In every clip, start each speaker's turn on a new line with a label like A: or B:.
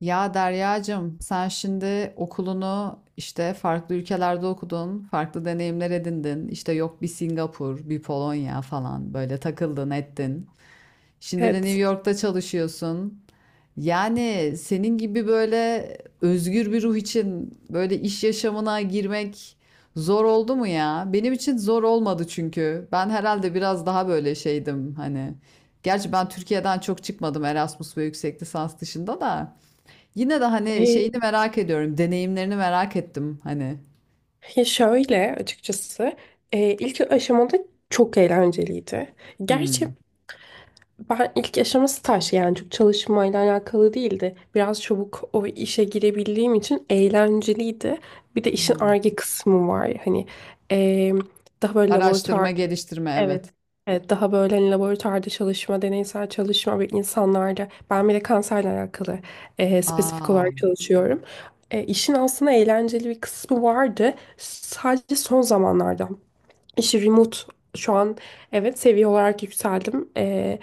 A: Ya Deryacığım, sen şimdi okulunu işte farklı ülkelerde okudun, farklı deneyimler edindin. İşte yok bir Singapur, bir Polonya falan böyle takıldın ettin. Şimdi de New
B: Evet.
A: York'ta çalışıyorsun. Yani senin gibi böyle özgür bir ruh için böyle iş yaşamına girmek zor oldu mu ya? Benim için zor olmadı çünkü. Ben herhalde biraz daha böyle şeydim hani. Gerçi ben Türkiye'den çok çıkmadım Erasmus ve yüksek lisans dışında da. Yine de hani
B: Ee,
A: şeyini merak ediyorum. Deneyimlerini merak ettim hani.
B: ya şöyle açıkçası ilk aşamada çok eğlenceliydi. Gerçi
A: Hımm.
B: ben ilk aşaması taş, yani çok çalışmayla alakalı değildi. Biraz çabuk o işe girebildiğim için eğlenceliydi. Bir de işin
A: Hımm.
B: arge kısmı var. E, daha böyle laboratuvar.
A: Araştırma, geliştirme, evet.
B: Evet, daha böyle hani laboratuvarda çalışma, deneysel çalışma ve insanlarda. Ben bile kanserle alakalı spesifik
A: A!
B: olarak çalışıyorum. İşin aslında eğlenceli bir kısmı vardı. Sadece son zamanlarda. İşi remote şu an, evet, seviye olarak yükseldim.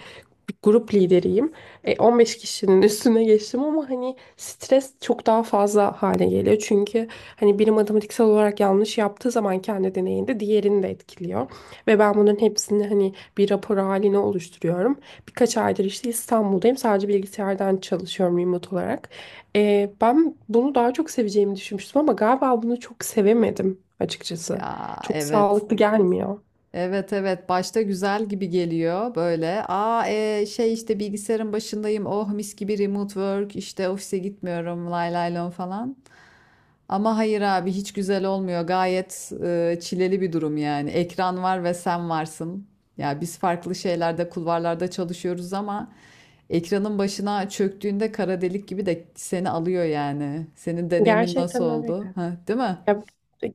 B: Bir grup lideriyim. 15 kişinin üstüne geçtim ama hani stres çok daha fazla hale geliyor. Çünkü hani biri matematiksel olarak yanlış yaptığı zaman kendi deneyinde diğerini de etkiliyor. Ve ben bunların hepsini hani bir rapor haline oluşturuyorum. Birkaç aydır işte İstanbul'dayım. Sadece bilgisayardan çalışıyorum remote olarak. Ben bunu daha çok seveceğimi düşünmüştüm ama galiba bunu çok sevemedim açıkçası.
A: Ya,
B: Çok
A: evet.
B: sağlıklı gelmiyor.
A: Evet, evet. Başta güzel gibi geliyor böyle. A, şey, işte, bilgisayarın başındayım, oh mis gibi remote work, işte, ofise gitmiyorum, lay lay lom falan. Ama hayır abi hiç güzel olmuyor. Gayet çileli bir durum yani. Ekran var ve sen varsın. Ya biz farklı şeylerde, kulvarlarda çalışıyoruz ama ekranın başına çöktüğünde kara delik gibi de seni alıyor yani. Senin deneyimin nasıl
B: Gerçekten öyle.
A: oldu? Ha, değil mi?
B: Ya,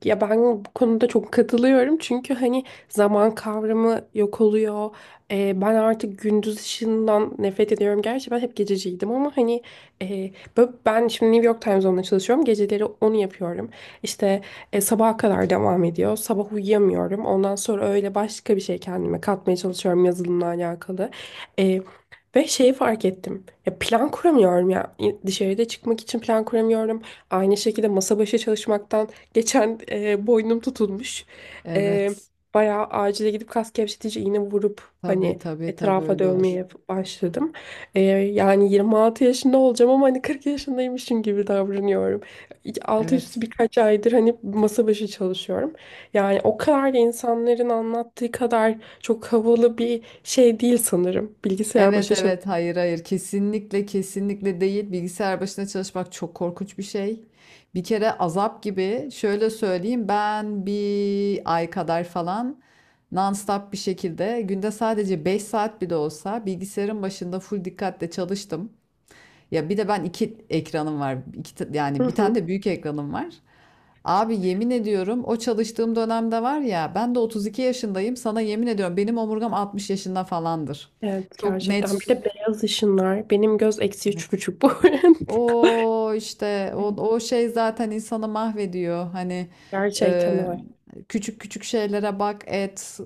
B: ya, ben bu konuda çok katılıyorum çünkü hani zaman kavramı yok oluyor. Ben artık gündüz ışığından nefret ediyorum. Gerçi ben hep gececiydim ama e, ben şimdi New York Times Zone'da çalışıyorum. Geceleri onu yapıyorum. İşte sabaha kadar devam ediyor. Sabah uyuyamıyorum. Ondan sonra öyle başka bir şey kendime katmaya çalışıyorum yazılımla alakalı. E, Ve şeyi fark ettim. Ya plan kuramıyorum ya. Dışarıda çıkmak için plan kuramıyorum. Aynı şekilde masa başı çalışmaktan. Geçen boynum tutulmuş. E,
A: Evet.
B: Bayağı acile gidip kas gevşetici iğne vurup
A: Tabii,
B: hani
A: tabii, tabii,
B: etrafa
A: öyle olur.
B: dövmeye başladım. Yani 26 yaşında olacağım ama hani 40 yaşındaymışım gibi davranıyorum. Altı üstü
A: Evet.
B: birkaç aydır hani masa başı çalışıyorum. Yani o kadar da insanların anlattığı kadar çok havalı bir şey değil sanırım. Bilgisayar
A: Evet,
B: başı.
A: evet, hayır, hayır, kesinlikle kesinlikle değil, bilgisayar başında çalışmak çok korkunç bir şey. Bir kere azap gibi şöyle söyleyeyim, ben bir ay kadar falan nonstop bir şekilde günde sadece 5 saat bile olsa bilgisayarın başında full dikkatle çalıştım. Ya bir de ben iki ekranım var. İki,
B: Hı
A: yani bir tane
B: hı.
A: de büyük ekranım var. Abi yemin ediyorum, o çalıştığım dönemde var ya, ben de 32 yaşındayım, sana yemin ediyorum benim omurgam 60 yaşında falandır.
B: Evet,
A: Çok
B: gerçekten. Bir
A: net.
B: de beyaz ışınlar. Benim göz eksi üç
A: Evet.
B: buçuk bu arada.
A: O işte o, o şey zaten insanı mahvediyor. Hani
B: Gerçekten
A: e,
B: öyle.
A: küçük küçük şeylere bak et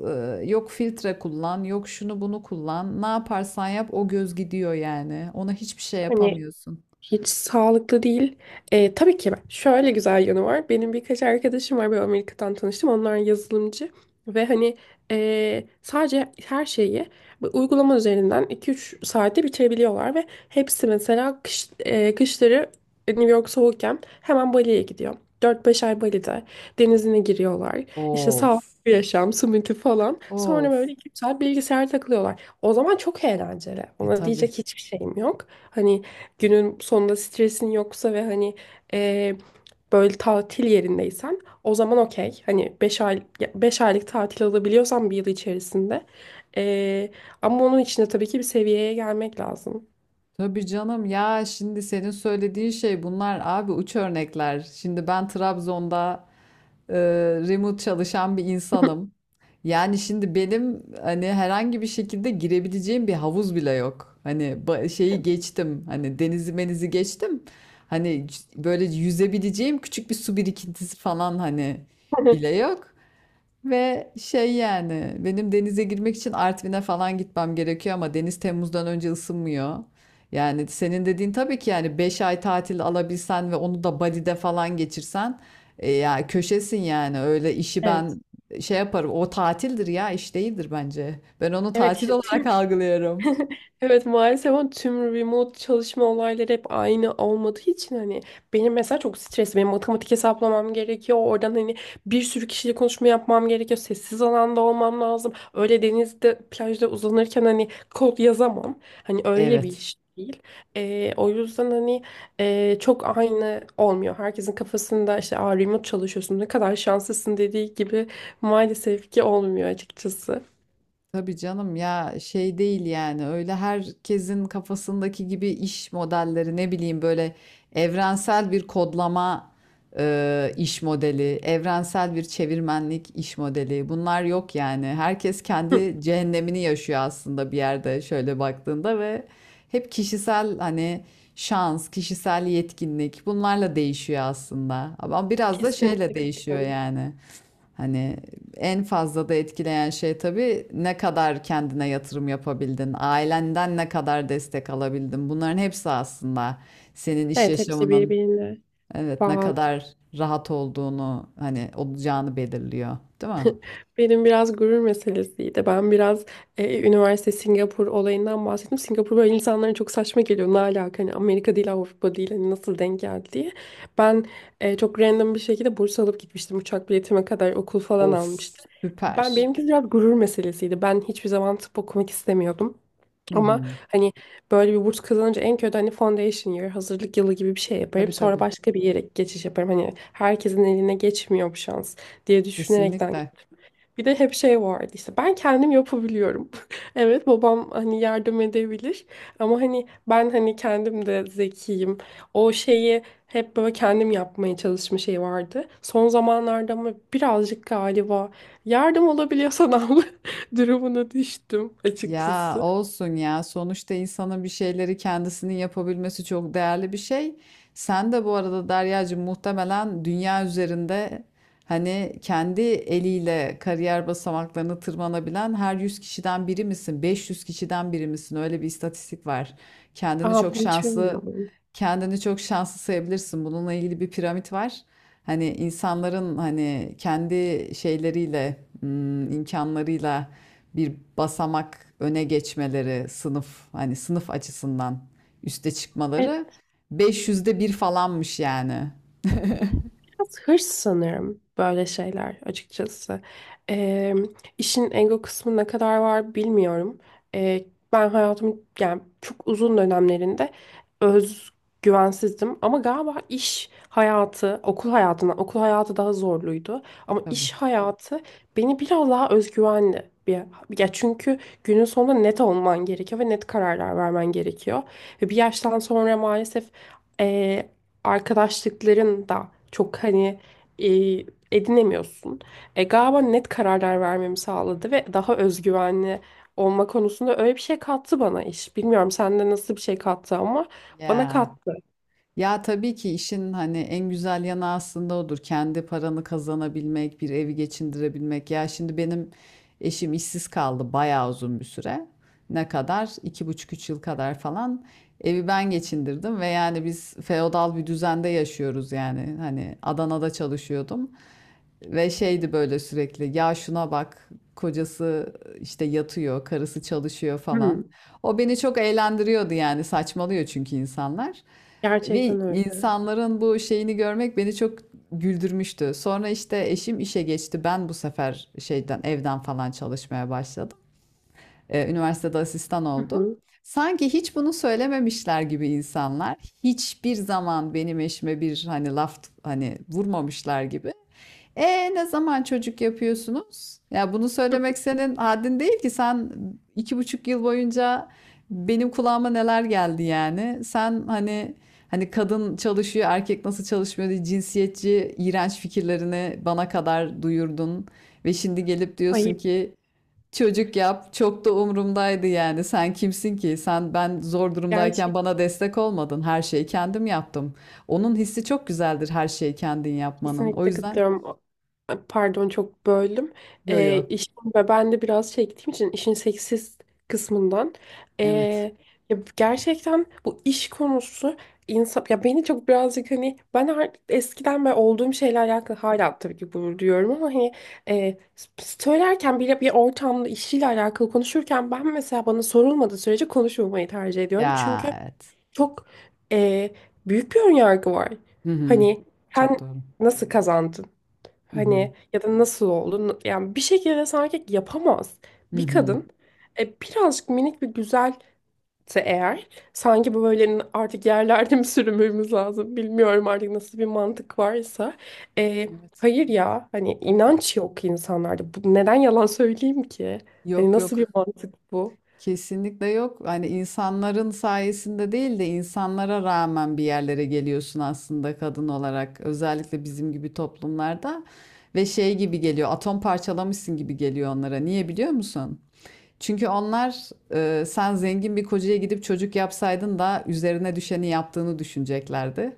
A: yok filtre kullan yok şunu bunu kullan, ne yaparsan yap o göz gidiyor yani, ona hiçbir şey
B: Hani
A: yapamıyorsun.
B: hiç sağlıklı değil. Tabii ki ben- şöyle güzel yanı var. Benim birkaç arkadaşım var. Böyle Amerika'dan tanıştım. Onlar yazılımcı. Ve hani sadece her şeyi bu uygulama üzerinden 2-3 saatte bitirebiliyorlar. Ve hepsi mesela kışları New York soğukken hemen Bali'ye gidiyor. 4-5 ay Bali'de denizine giriyorlar. İşte sağlıklı
A: Of.
B: bir yaşam, smoothie falan. Sonra
A: Of.
B: böyle 2 saat bilgisayar takılıyorlar. O zaman çok eğlenceli.
A: E
B: Ona
A: tabii.
B: diyecek hiçbir şeyim yok. Hani günün sonunda stresin yoksa ve eee, böyle tatil yerindeysen o zaman okey. Hani, 5 aylık tatil alabiliyorsan 1 yıl içerisinde. Eee, Ama onun için de tabii ki bir seviyeye gelmek lazım.
A: Tabii canım, ya şimdi senin söylediğin şey bunlar abi, uç örnekler. Şimdi ben Trabzon'da e, remote çalışan bir insanım. Yani şimdi benim hani herhangi bir şekilde girebileceğim bir havuz bile yok. Hani şeyi geçtim. Hani denizi menizi geçtim. Hani böyle yüzebileceğim küçük bir su birikintisi falan hani bile yok. Ve şey yani, benim denize girmek için Artvin'e falan gitmem gerekiyor ama deniz Temmuz'dan önce ısınmıyor. Yani senin dediğin, tabii ki yani 5 ay tatil alabilsen ve onu da Bali'de falan geçirsen, ya köşesin yani, öyle işi
B: Evet.
A: ben şey yaparım, o tatildir ya, iş değildir bence. Ben onu
B: Evet,
A: tatil
B: işte
A: olarak
B: tüm
A: algılıyorum.
B: evet, maalesef ama tüm remote çalışma olayları hep aynı olmadığı için hani benim mesela çok stres, benim matematik hesaplamam gerekiyor oradan hani bir sürü kişiyle konuşma yapmam gerekiyor, sessiz alanda olmam lazım, öyle denizde plajda uzanırken hani kod yazamam, hani öyle bir
A: Evet.
B: iş değil. O yüzden çok aynı olmuyor, herkesin kafasında işte "Aa, remote çalışıyorsun, ne kadar şanslısın" dediği gibi maalesef ki olmuyor açıkçası.
A: Tabii canım, ya şey değil yani, öyle herkesin kafasındaki gibi iş modelleri, ne bileyim, böyle evrensel bir kodlama iş modeli, evrensel bir çevirmenlik iş modeli, bunlar yok yani. Herkes
B: Hı,
A: kendi cehennemini yaşıyor aslında, bir yerde şöyle baktığında. Ve hep kişisel hani şans, kişisel yetkinlik, bunlarla değişiyor aslında. Ama biraz da şeyle
B: kesinlikle.
A: değişiyor yani. Hani en fazla da etkileyen şey tabii, ne kadar kendine yatırım yapabildin, ailenden ne kadar destek alabildin. Bunların hepsi aslında senin iş
B: Evet, hepsi
A: yaşamının,
B: birbirine
A: evet, ne
B: bağlı.
A: kadar rahat olduğunu, hani olacağını belirliyor, değil mi?
B: Benim biraz gurur meselesiydi. Üniversite Singapur olayından bahsettim. Singapur böyle insanlara çok saçma geliyor. Ne alaka, hani Amerika değil, Avrupa değil, hani nasıl denk geldi diye. Ben çok random bir şekilde burs alıp gitmiştim. Uçak biletime kadar okul falan almıştım.
A: Of, süper.
B: Benimki biraz gurur meselesiydi. Ben hiçbir zaman tıp okumak istemiyordum.
A: Hı
B: Ama
A: hı.
B: hani böyle bir burs kazanınca en kötü hani foundation year, hazırlık yılı gibi bir şey yaparım.
A: Tabii,
B: Sonra
A: tabii.
B: başka bir yere geçiş yaparım. Hani herkesin eline geçmiyor bu şans diye düşünerekten,
A: Kesinlikle.
B: bir de hep şey vardı işte, ben kendim yapabiliyorum. Evet, babam hani yardım edebilir ama hani ben hani kendim de zekiyim. O şeyi hep böyle kendim yapmaya çalışma şey vardı. Son zamanlarda ama birazcık galiba yardım olabiliyorsan abla durumuna düştüm
A: Ya
B: açıkçası.
A: olsun ya. Sonuçta insanın bir şeyleri kendisinin yapabilmesi çok değerli bir şey. Sen de bu arada Deryacığım, muhtemelen dünya üzerinde hani kendi eliyle kariyer basamaklarını tırmanabilen her 100 kişiden biri misin, 500 kişiden biri misin? Öyle bir istatistik var. Kendini
B: Aa,
A: çok
B: bunu hiç
A: şanslı
B: bilmiyorum.
A: kendini çok şanslı sayabilirsin. Bununla ilgili bir piramit var. Hani insanların hani kendi şeyleriyle, imkanlarıyla bir basamak öne geçmeleri, hani sınıf açısından üste çıkmaları, 500'de 1 falanmış yani.
B: Biraz hırs sanırım böyle şeyler açıkçası. Ee, işin ego kısmı ne kadar var bilmiyorum. Ee, Ben hayatımın yani çok uzun dönemlerinde özgüvensizdim. Ama galiba iş hayatı, okul hayatı daha zorluydu. Ama
A: Tabii.
B: iş hayatı beni biraz daha özgüvenli bir, ya çünkü günün sonunda net olman gerekiyor ve net kararlar vermen gerekiyor. Ve bir yaştan sonra maalesef e, arkadaşlıkların da çok e, edinemiyorsun. Galiba net kararlar vermemi sağladı ve daha özgüvenli olma konusunda öyle bir şey kattı bana iş. Bilmiyorum sende nasıl bir şey kattı ama bana
A: Ya.
B: kattı.
A: Ya tabii ki işin hani en güzel yanı aslında odur. Kendi paranı kazanabilmek, bir evi geçindirebilmek. Ya şimdi benim eşim işsiz kaldı bayağı uzun bir süre. Ne kadar? İki buçuk üç yıl kadar falan. Evi ben geçindirdim ve yani biz feodal bir düzende yaşıyoruz yani. Hani Adana'da çalışıyordum. Ve şeydi böyle sürekli, ya şuna bak, kocası işte yatıyor, karısı çalışıyor falan.
B: Hmm,
A: O beni çok eğlendiriyordu yani, saçmalıyor çünkü insanlar. Ve
B: gerçekten öyle.
A: insanların bu şeyini görmek beni çok güldürmüştü. Sonra işte eşim işe geçti. Ben bu sefer şeyden, evden falan çalışmaya başladım. Üniversitede asistan
B: Hı
A: oldum.
B: hı.
A: Sanki hiç bunu söylememişler gibi insanlar, hiçbir zaman benim eşime bir hani laf hani vurmamışlar gibi. E, ne zaman çocuk yapıyorsunuz? Ya bunu söylemek senin haddin değil ki. Sen 2,5 yıl boyunca benim kulağıma neler geldi yani. Sen hani kadın çalışıyor, erkek nasıl çalışmıyor diye cinsiyetçi, iğrenç fikirlerini bana kadar duyurdun. Ve şimdi gelip diyorsun
B: Ay,
A: ki çocuk yap. Çok da umurumdaydı yani. Sen kimsin ki? Sen, ben zor durumdayken
B: gerçekten.
A: bana destek olmadın. Her şeyi kendim yaptım. Onun hissi çok güzeldir her şeyi kendin yapmanın. O
B: Kesinlikle
A: yüzden.
B: katılıyorum. Pardon, çok böldüm.
A: Yo, yo.
B: İşin ve ben de biraz çektiğim için işin seksist kısmından,
A: Evet.
B: ee, ya gerçekten bu iş konusu insan ya, beni çok birazcık hani ben artık eskiden ve olduğum şeyle alakalı hala tabii ki bunu diyorum ama ee, söylerken bile bir ortamda işiyle alakalı konuşurken ben mesela bana sorulmadığı sürece konuşmamayı tercih ediyorum.
A: Ya,
B: Çünkü
A: evet.
B: çok e, büyük bir önyargı var.
A: Hı hı.
B: Hani
A: Çok
B: sen
A: doğru.
B: nasıl kazandın?
A: Hı hı.
B: Hani ya da nasıl oldu? Yani bir şekilde sanki yapamaz.
A: Hı
B: Bir
A: hı.
B: kadın birazcık minik bir güzelse eğer sanki bu böyle artık yerlerde mi sürünmemiz lazım, bilmiyorum artık nasıl bir mantık varsa. E,
A: Evet.
B: hayır ya, hani inanç yok insanlarda. Bu, neden yalan söyleyeyim ki? Hani
A: Yok,
B: nasıl bir
A: yok.
B: mantık bu?
A: Kesinlikle yok. Hani insanların sayesinde değil de insanlara rağmen bir yerlere geliyorsun aslında, kadın olarak. Özellikle bizim gibi toplumlarda ve şey gibi geliyor. Atom parçalamışsın gibi geliyor onlara. Niye biliyor musun? Çünkü onlar, sen zengin bir kocaya gidip çocuk yapsaydın da üzerine düşeni yaptığını düşüneceklerdi.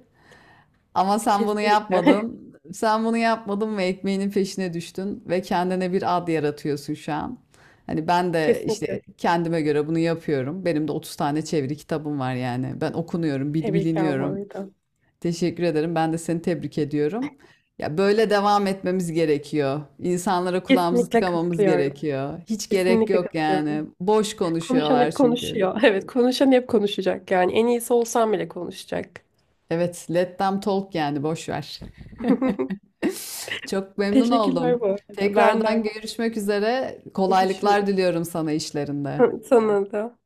A: Ama sen bunu
B: Kesinlikle.
A: yapmadın. Sen bunu yapmadın ve ekmeğinin peşine düştün ve kendine bir ad yaratıyorsun şu an. Hani ben de işte
B: Kesinlikle.
A: kendime göre bunu yapıyorum. Benim de 30 tane çeviri kitabım var yani. Ben okunuyorum,
B: Tebrikler bu
A: biliniyorum.
B: arada.
A: Teşekkür ederim. Ben de seni tebrik ediyorum. Ya böyle devam etmemiz gerekiyor. İnsanlara kulağımızı
B: Kesinlikle
A: tıkamamız
B: katılıyorum.
A: gerekiyor. Hiç gerek
B: Kesinlikle
A: yok yani.
B: katılıyorum.
A: Boş
B: Konuşan
A: konuşuyorlar
B: hep
A: çünkü.
B: konuşuyor. Evet, konuşan hep konuşacak. Yani en iyisi olsam bile konuşacak.
A: Evet, let them talk, yani boş ver. Çok memnun
B: Teşekkürler bu
A: oldum.
B: arada. Ben de
A: Tekrardan
B: aynı.
A: görüşmek üzere. Kolaylıklar
B: Görüşürüz.
A: diliyorum sana işlerinde.
B: Sana da.